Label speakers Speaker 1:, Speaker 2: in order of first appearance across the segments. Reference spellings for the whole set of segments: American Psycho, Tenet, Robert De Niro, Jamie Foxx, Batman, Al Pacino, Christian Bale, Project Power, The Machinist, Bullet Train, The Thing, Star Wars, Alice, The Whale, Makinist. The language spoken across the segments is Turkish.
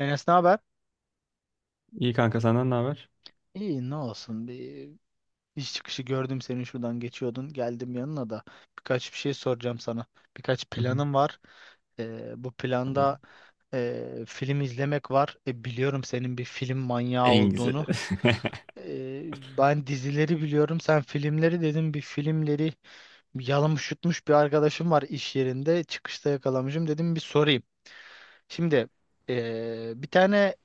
Speaker 1: Enes ne haber?
Speaker 2: İyi kanka, senden ne haber?
Speaker 1: İyi ne olsun, bir iş çıkışı gördüm seni, şuradan geçiyordun, geldim yanına da birkaç bir şey soracağım sana, birkaç
Speaker 2: Hı hı.
Speaker 1: planım var. Bu
Speaker 2: Tabii.
Speaker 1: planda film izlemek var. Biliyorum senin bir film manyağı
Speaker 2: En güzeli.
Speaker 1: olduğunu. Ben dizileri biliyorum, sen filmleri, dedim bir filmleri yalamış yutmuş bir arkadaşım var iş yerinde, çıkışta yakalamışım, dedim bir sorayım. Şimdi bir tane,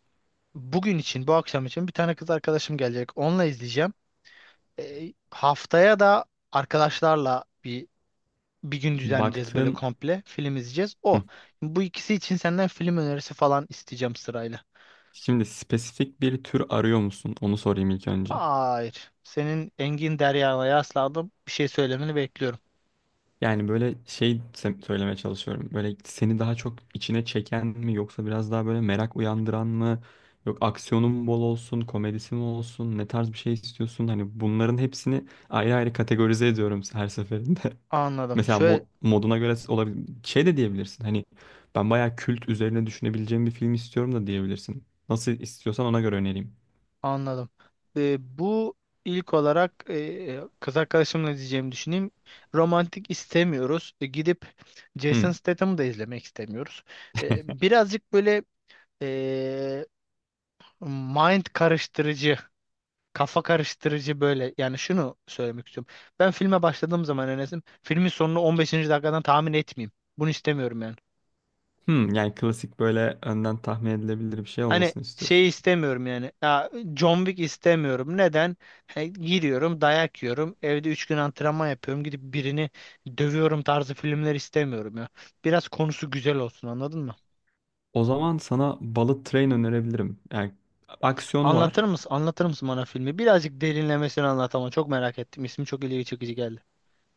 Speaker 1: bugün için, bu akşam için bir tane kız arkadaşım gelecek. Onunla izleyeceğim. Haftaya da arkadaşlarla bir gün düzenleyeceğiz böyle
Speaker 2: Baktığın
Speaker 1: komple. Film izleyeceğiz. O.
Speaker 2: Hı.
Speaker 1: Bu ikisi için senden film önerisi falan isteyeceğim sırayla.
Speaker 2: Şimdi spesifik bir tür arıyor musun? Onu sorayım ilk önce.
Speaker 1: Hayır. Senin Engin Derya'ya yasladım. Bir şey söylemeni bekliyorum.
Speaker 2: Yani böyle söylemeye çalışıyorum. Böyle seni daha çok içine çeken mi, yoksa biraz daha böyle merak uyandıran mı? Yok, aksiyonun mu bol olsun, komedisi mi olsun, ne tarz bir şey istiyorsun? Hani bunların hepsini ayrı ayrı kategorize ediyorum her seferinde.
Speaker 1: Anladım.
Speaker 2: Mesela
Speaker 1: Şöyle.
Speaker 2: moduna göre olabilir. Şey de diyebilirsin. Hani ben bayağı kült üzerine düşünebileceğim bir film istiyorum da diyebilirsin. Nasıl istiyorsan ona göre önereyim.
Speaker 1: Anladım. Bu ilk olarak kız arkadaşımla diyeceğimi düşüneyim. Romantik istemiyoruz. Gidip Jason
Speaker 2: Hmm.
Speaker 1: Statham'ı da izlemek istemiyoruz. Birazcık böyle e, mind karıştırıcı, kafa karıştırıcı böyle. Yani şunu söylemek istiyorum. Ben filme başladığım zaman, Enes'im, filmin sonunu 15'inci dakikadan tahmin etmeyeyim. Bunu istemiyorum yani.
Speaker 2: Hmm. Yani klasik böyle önden tahmin edilebilir bir şey
Speaker 1: Hani
Speaker 2: olmasını
Speaker 1: şey
Speaker 2: istiyorsun.
Speaker 1: istemiyorum yani. Ya, John Wick istemiyorum. Neden? He, giriyorum, dayak yiyorum. Evde 3 gün antrenman yapıyorum. Gidip birini dövüyorum tarzı filmler istemiyorum ya. Biraz konusu güzel olsun, anladın mı?
Speaker 2: O zaman sana Bullet Train önerebilirim. Yani aksiyonu
Speaker 1: Anlatır
Speaker 2: var.
Speaker 1: mısın? Anlatır mısın bana filmi? Birazcık derinlemesine anlat ama çok merak ettim. İsmi çok ilgi çekici geldi.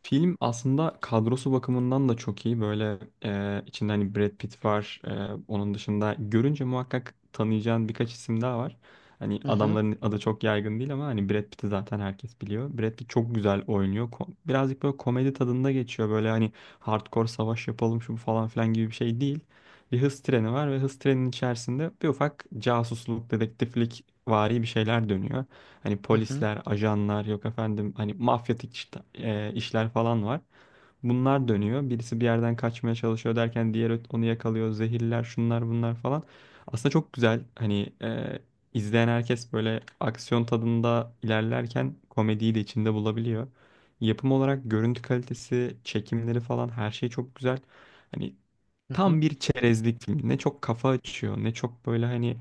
Speaker 2: Film aslında kadrosu bakımından da çok iyi. Böyle içinde hani Brad Pitt var. Onun dışında görünce muhakkak tanıyacağın birkaç isim daha var. Hani
Speaker 1: Hı hı
Speaker 2: adamların adı çok yaygın değil ama hani Brad Pitt'i zaten herkes biliyor. Brad Pitt çok güzel oynuyor. Birazcık böyle komedi tadında geçiyor. Böyle hani hardcore savaş yapalım şu bu falan filan gibi bir şey değil. Bir hız treni var ve hız treninin içerisinde bir ufak casusluk, dedektiflik vari bir şeyler dönüyor. Hani
Speaker 1: hı hı
Speaker 2: polisler, ajanlar yok efendim, hani mafyatik işler falan var. Bunlar dönüyor. Birisi bir yerden kaçmaya çalışıyor derken diğer onu yakalıyor. Zehirler, şunlar bunlar falan. Aslında çok güzel. Hani izleyen herkes böyle aksiyon tadında ilerlerken komediyi de içinde bulabiliyor. Yapım olarak görüntü kalitesi, çekimleri falan her şey çok güzel. Hani
Speaker 1: hı hı.
Speaker 2: tam bir çerezlik film. Ne çok kafa açıyor, ne çok böyle hani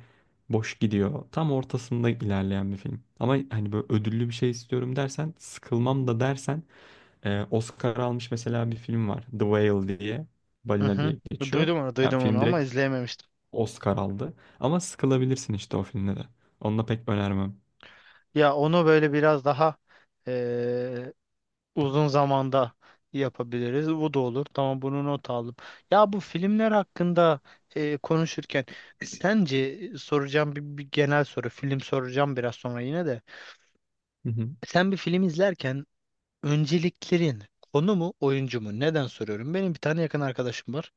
Speaker 2: boş gidiyor. Tam ortasında ilerleyen bir film. Ama hani böyle ödüllü bir şey istiyorum dersen, sıkılmam da dersen Oscar almış mesela bir film var. The Whale diye.
Speaker 1: Hı
Speaker 2: Balina
Speaker 1: hı.
Speaker 2: diye geçiyor.
Speaker 1: Duydum onu,
Speaker 2: Yani
Speaker 1: duydum onu
Speaker 2: film
Speaker 1: ama
Speaker 2: direkt
Speaker 1: izleyememiştim.
Speaker 2: Oscar aldı. Ama sıkılabilirsin işte o filmde de. Onu da pek önermem.
Speaker 1: Ya onu böyle biraz daha uzun zamanda yapabiliriz. Bu da olur. Tamam, bunu not aldım. Ya bu filmler hakkında konuşurken sence soracağım bir genel soru. Film soracağım biraz sonra yine de.
Speaker 2: Hı hı,
Speaker 1: Sen bir film izlerken önceliklerin konu mu oyuncu mu? Neden soruyorum? Benim bir tane yakın arkadaşım var.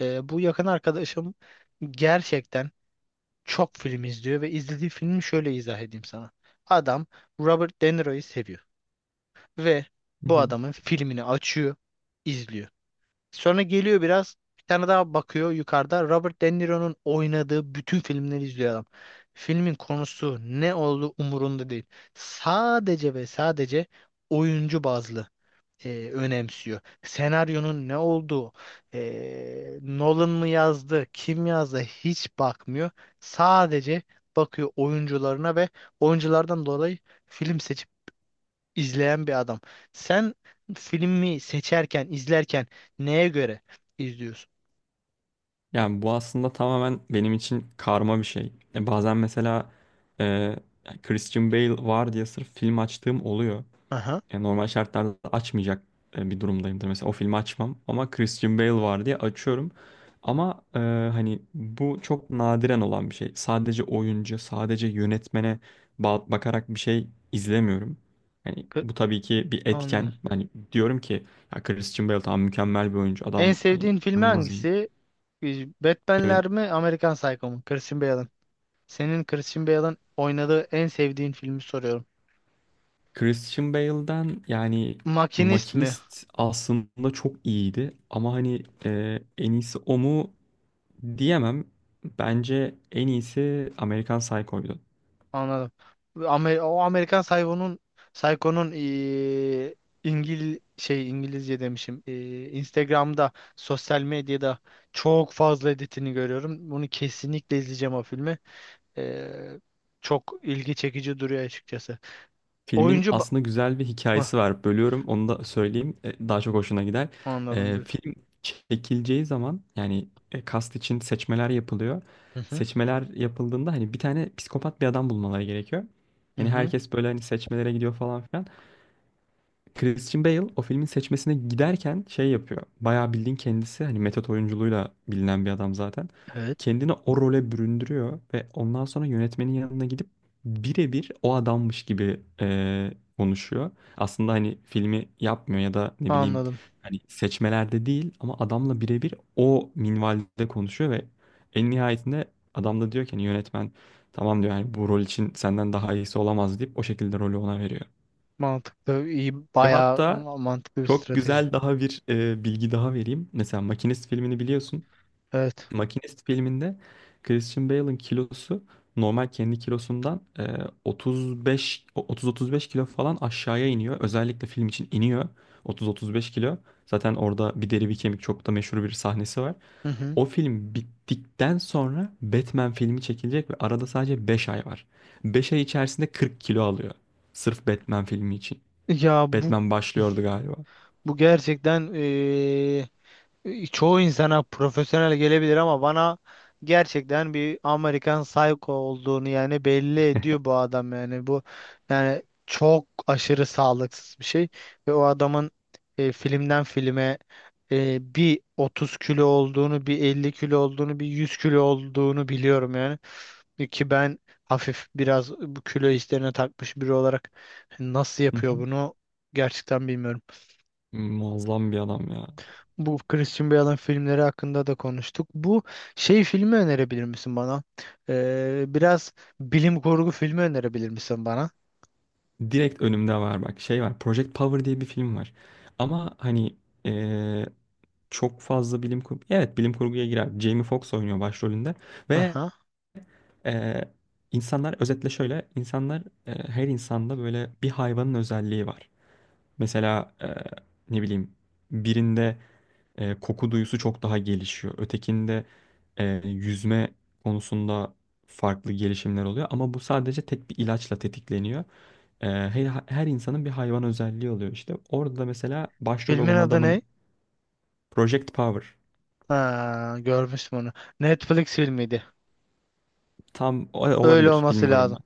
Speaker 1: Bu yakın arkadaşım gerçekten çok film izliyor ve izlediği filmi şöyle izah edeyim sana. Adam Robert De Niro'yu seviyor ve
Speaker 2: hı
Speaker 1: bu
Speaker 2: hı.
Speaker 1: adamın filmini açıyor, izliyor. Sonra geliyor biraz, bir tane daha bakıyor yukarıda. Robert De Niro'nun oynadığı bütün filmleri izliyor adam. Filmin konusu ne olduğu umurunda değil. Sadece ve sadece oyuncu bazlı önemsiyor. Senaryonun ne olduğu, Nolan mı yazdı, kim yazdı hiç bakmıyor. Sadece bakıyor oyuncularına ve oyunculardan dolayı film seçimi izleyen bir adam. Sen filmi seçerken, izlerken neye göre izliyorsun?
Speaker 2: Yani bu aslında tamamen benim için karma bir şey. Bazen mesela e, Christian Bale var diye sırf film açtığım oluyor.
Speaker 1: Aha.
Speaker 2: Yani normal şartlarda açmayacak bir durumdayımdır. Mesela o filmi açmam ama Christian Bale var diye açıyorum. Ama hani bu çok nadiren olan bir şey. Sadece oyuncu, sadece yönetmene bakarak bir şey izlemiyorum. Yani
Speaker 1: K-
Speaker 2: bu tabii ki bir etken.
Speaker 1: Anladım.
Speaker 2: Hani diyorum ki ya Christian Bale tamam, mükemmel bir oyuncu.
Speaker 1: En
Speaker 2: Adam hani
Speaker 1: sevdiğin filmi
Speaker 2: inanılmaz iyi.
Speaker 1: hangisi? Ee,
Speaker 2: Emin.
Speaker 1: Batman'ler mi, Amerikan Psycho mu? Christian Bale'ın. Senin Christian Bale'ın oynadığı en sevdiğin filmi soruyorum.
Speaker 2: Christian Bale'den yani
Speaker 1: Makinist mi?
Speaker 2: Makinist aslında çok iyiydi ama hani en iyisi o mu, diyemem. Bence en iyisi American Psycho'ydu.
Speaker 1: Anladım. O Amerikan Psycho'nun İngilizce demişim. Instagram'da, sosyal medyada çok fazla editini görüyorum. Bunu kesinlikle izleyeceğim, o filmi. Eee, çok ilgi çekici duruyor açıkçası.
Speaker 2: Filmin
Speaker 1: Oyuncu ba-
Speaker 2: aslında güzel bir
Speaker 1: Hıh,
Speaker 2: hikayesi var. Bölüyorum, onu da söyleyeyim. Daha çok hoşuna gider.
Speaker 1: anladım, buyur.
Speaker 2: Film çekileceği zaman yani kast için seçmeler yapılıyor.
Speaker 1: Hı hı.
Speaker 2: Seçmeler yapıldığında hani bir tane psikopat bir adam bulmaları gerekiyor.
Speaker 1: Hı
Speaker 2: Hani
Speaker 1: hı.
Speaker 2: herkes böyle hani seçmelere gidiyor falan filan. Christian Bale o filmin seçmesine giderken şey yapıyor. Bayağı bildiğin kendisi hani metot oyunculuğuyla bilinen bir adam zaten.
Speaker 1: Evet.
Speaker 2: Kendini o role büründürüyor ve ondan sonra yönetmenin yanına gidip birebir o adammış gibi konuşuyor. Aslında hani filmi yapmıyor ya da ne bileyim
Speaker 1: Anladım.
Speaker 2: hani seçmelerde değil ama adamla birebir o minvalde konuşuyor ve en nihayetinde adam da diyor ki hani yönetmen tamam diyor yani bu rol için senden daha iyisi olamaz, deyip o şekilde rolü ona veriyor.
Speaker 1: Mantıklı, iyi,
Speaker 2: Ve
Speaker 1: bayağı
Speaker 2: hatta
Speaker 1: mantıklı bir
Speaker 2: çok
Speaker 1: strateji.
Speaker 2: güzel daha bir bilgi daha vereyim. Mesela Makinist filmini biliyorsun.
Speaker 1: Evet.
Speaker 2: Makinist filminde Christian Bale'ın kilosu normal kendi kilosundan 35 30-35 kilo falan aşağıya iniyor. Özellikle film için iniyor 30-35 kilo. Zaten orada bir deri bir kemik, çok da meşhur bir sahnesi var.
Speaker 1: Hı hı.
Speaker 2: O film bittikten sonra Batman filmi çekilecek ve arada sadece 5 ay var. 5 ay içerisinde 40 kilo alıyor. Sırf Batman filmi için.
Speaker 1: Ya
Speaker 2: Batman başlıyordu galiba.
Speaker 1: bu gerçekten çoğu insana profesyonel gelebilir ama bana gerçekten bir Amerikan Psycho olduğunu yani belli ediyor bu adam, yani bu, yani çok aşırı sağlıksız bir şey ve o adamın filmden filme bir 30 kilo olduğunu, bir 50 kilo olduğunu, bir 100 kilo olduğunu biliyorum yani. Ki ben hafif biraz bu kilo işlerine takmış biri olarak nasıl yapıyor bunu gerçekten bilmiyorum.
Speaker 2: Muazzam bir adam ya.
Speaker 1: Bu Christian Bale'ın filmleri hakkında da konuştuk. Bu şey filmi önerebilir misin bana? Biraz bilim kurgu filmi önerebilir misin bana?
Speaker 2: Direkt önümde var bak, şey var. Project Power diye bir film var. Ama hani eee, çok fazla bilim kurgu. Evet, bilim kurguya girer. Jamie Foxx oynuyor başrolünde. Ve
Speaker 1: Aha.
Speaker 2: eee, insanlar özetle şöyle. İnsanlar her insanda böyle bir hayvanın özelliği var. Mesela ne bileyim birinde koku duyusu çok daha gelişiyor. Ötekinde yüzme konusunda farklı gelişimler oluyor. Ama bu sadece tek bir ilaçla tetikleniyor. Her, her insanın bir hayvan özelliği oluyor işte. Orada da mesela başrol
Speaker 1: Filmin
Speaker 2: olan
Speaker 1: adı
Speaker 2: adamın
Speaker 1: ne?
Speaker 2: Project Power
Speaker 1: Ha, görmüştüm onu. Netflix filmiydi.
Speaker 2: tam
Speaker 1: Öyle
Speaker 2: olabilir,
Speaker 1: olması
Speaker 2: bilmiyorum
Speaker 1: lazım.
Speaker 2: ben.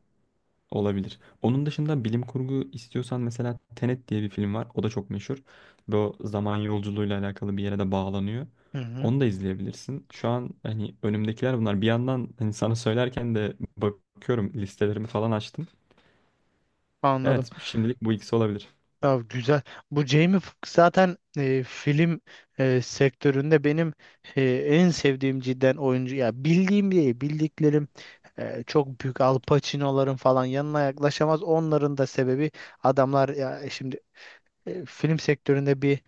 Speaker 2: Olabilir. Onun dışında bilim kurgu istiyorsan mesela Tenet diye bir film var. O da çok meşhur. Bu zaman yolculuğuyla alakalı bir yere de bağlanıyor.
Speaker 1: Hı hı,
Speaker 2: Onu da izleyebilirsin. Şu an hani önümdekiler bunlar. Bir yandan hani sana söylerken de bakıyorum, listelerimi falan açtım.
Speaker 1: anladım.
Speaker 2: Evet, şimdilik bu ikisi olabilir.
Speaker 1: Ya güzel. Bu Jamie Foxx zaten film sektöründe benim en sevdiğim cidden oyuncu. Ya bildiğim değil, bildiklerim çok büyük Al Pacino'ların falan yanına yaklaşamaz. Onların da sebebi, adamlar ya şimdi film sektöründe bir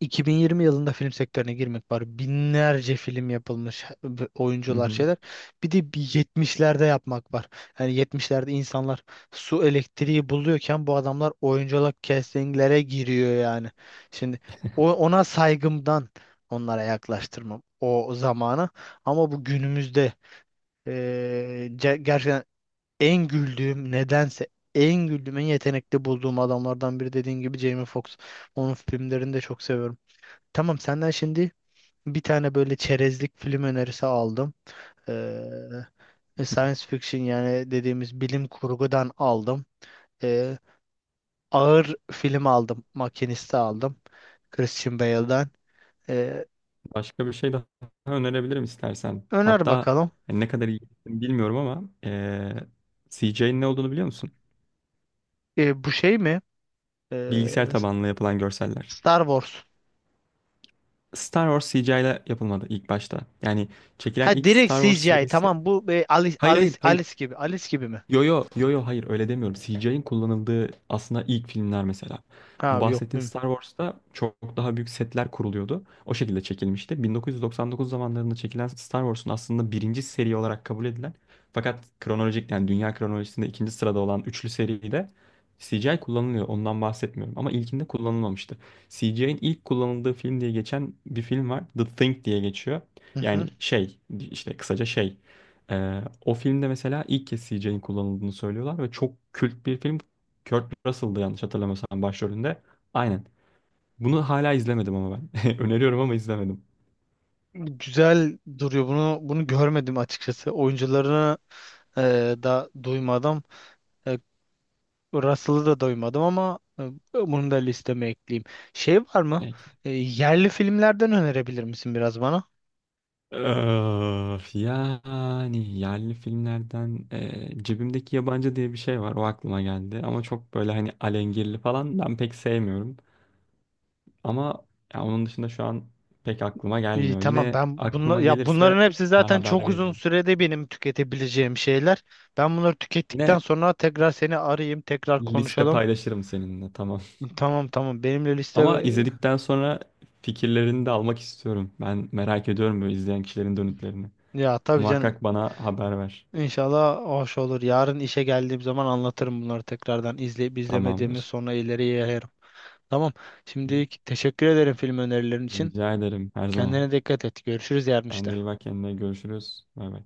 Speaker 1: 2020 yılında film sektörüne girmek var. Binlerce film yapılmış,
Speaker 2: Hı
Speaker 1: oyuncular,
Speaker 2: hı.
Speaker 1: şeyler. Bir de bir 70'lerde yapmak var. Yani 70'lerde insanlar su elektriği buluyorken bu adamlar oyunculuk castinglere giriyor yani. Şimdi ona saygımdan onlara yaklaştırmam o zamanı. Ama bu günümüzde gerçekten en güldüğüm, nedense en güldüğüm, en yetenekli bulduğum adamlardan biri dediğin gibi Jamie Foxx. Onun filmlerini de çok seviyorum. Tamam, senden şimdi bir tane böyle çerezlik film önerisi aldım. Science fiction yani dediğimiz bilim kurgudan aldım. Ee, ağır film aldım. Makinist'i aldım. Christian Bale'dan. Ee,
Speaker 2: Başka bir şey daha önerebilirim istersen.
Speaker 1: öner
Speaker 2: Hatta
Speaker 1: bakalım.
Speaker 2: hani ne kadar iyi bilmiyorum ama CGI'nin ne olduğunu biliyor musun?
Speaker 1: Bu şey mi? Ee,
Speaker 2: Bilgisayar tabanlı yapılan görseller.
Speaker 1: Star Wars.
Speaker 2: Star Wars CGI ile yapılmadı ilk başta. Yani çekilen
Speaker 1: Ha
Speaker 2: ilk
Speaker 1: direkt
Speaker 2: Star Wars
Speaker 1: CGI.
Speaker 2: serisi.
Speaker 1: Tamam, bu Alice,
Speaker 2: Hayır, hayır,
Speaker 1: Alice,
Speaker 2: hayır.
Speaker 1: Alice gibi. Alice gibi mi?
Speaker 2: Yo, yo, yo, yo, hayır öyle demiyorum. CGI'in kullanıldığı aslında ilk filmler mesela.
Speaker 1: Ha
Speaker 2: Bu
Speaker 1: yok.
Speaker 2: bahsettiğin Star Wars'ta çok daha büyük setler kuruluyordu. O şekilde çekilmişti. 1999 zamanlarında çekilen Star Wars'un aslında birinci seri olarak kabul edilen fakat kronolojik, yani dünya kronolojisinde ikinci sırada olan üçlü seride CGI kullanılıyor. Ondan bahsetmiyorum ama ilkinde kullanılmamıştı. CGI'in ilk kullanıldığı film diye geçen bir film var. The Thing diye geçiyor.
Speaker 1: Bilmiyorum.
Speaker 2: Yani şey işte kısaca şey o filmde mesela ilk kez CGI'nin kullanıldığını söylüyorlar ve çok kült bir film. Kurt Russell'dı yanlış hatırlamıyorsam başrolünde. Aynen. Bunu hala izlemedim ama ben. Öneriyorum ama izlemedim.
Speaker 1: Güzel duruyor. Bunu görmedim açıkçası. Oyuncularını e, da duymadım. E, Russell'ı da duymadım ama bunu da listeme ekleyeyim. Şey var mı?
Speaker 2: Peki.
Speaker 1: Yerli filmlerden önerebilir misin biraz bana?
Speaker 2: Öf, yani yerli filmlerden cebimdeki yabancı diye bir şey var. O aklıma geldi. Ama çok böyle hani alengirli falan ben pek sevmiyorum. Ama ya onun dışında şu an pek aklıma
Speaker 1: İyi,
Speaker 2: gelmiyor.
Speaker 1: tamam,
Speaker 2: Yine
Speaker 1: ben bunla,
Speaker 2: aklıma
Speaker 1: ya
Speaker 2: gelirse
Speaker 1: bunların hepsi
Speaker 2: ben
Speaker 1: zaten
Speaker 2: haber
Speaker 1: çok uzun
Speaker 2: veririm.
Speaker 1: sürede benim tüketebileceğim şeyler. Ben bunları tükettikten
Speaker 2: Yine
Speaker 1: sonra tekrar seni arayayım, tekrar
Speaker 2: liste
Speaker 1: konuşalım.
Speaker 2: paylaşırım seninle. Tamam.
Speaker 1: Tamam tamam, benimle liste
Speaker 2: Ama izledikten sonra fikirlerini de almak istiyorum. Ben merak ediyorum böyle izleyen kişilerin dönütlerini.
Speaker 1: ya tabii canım.
Speaker 2: Muhakkak bana haber ver.
Speaker 1: İnşallah hoş olur. Yarın işe geldiğim zaman anlatırım bunları tekrardan. İzleyip izlemediğimi
Speaker 2: Tamamdır.
Speaker 1: sonra ileriye yayarım. Tamam.
Speaker 2: Hı.
Speaker 1: Şimdilik teşekkür ederim film önerilerin için.
Speaker 2: Rica ederim, her zaman.
Speaker 1: Kendine dikkat et. Görüşürüz yarın
Speaker 2: Sen de
Speaker 1: işte.
Speaker 2: iyi bak kendine. Görüşürüz. Bay bay.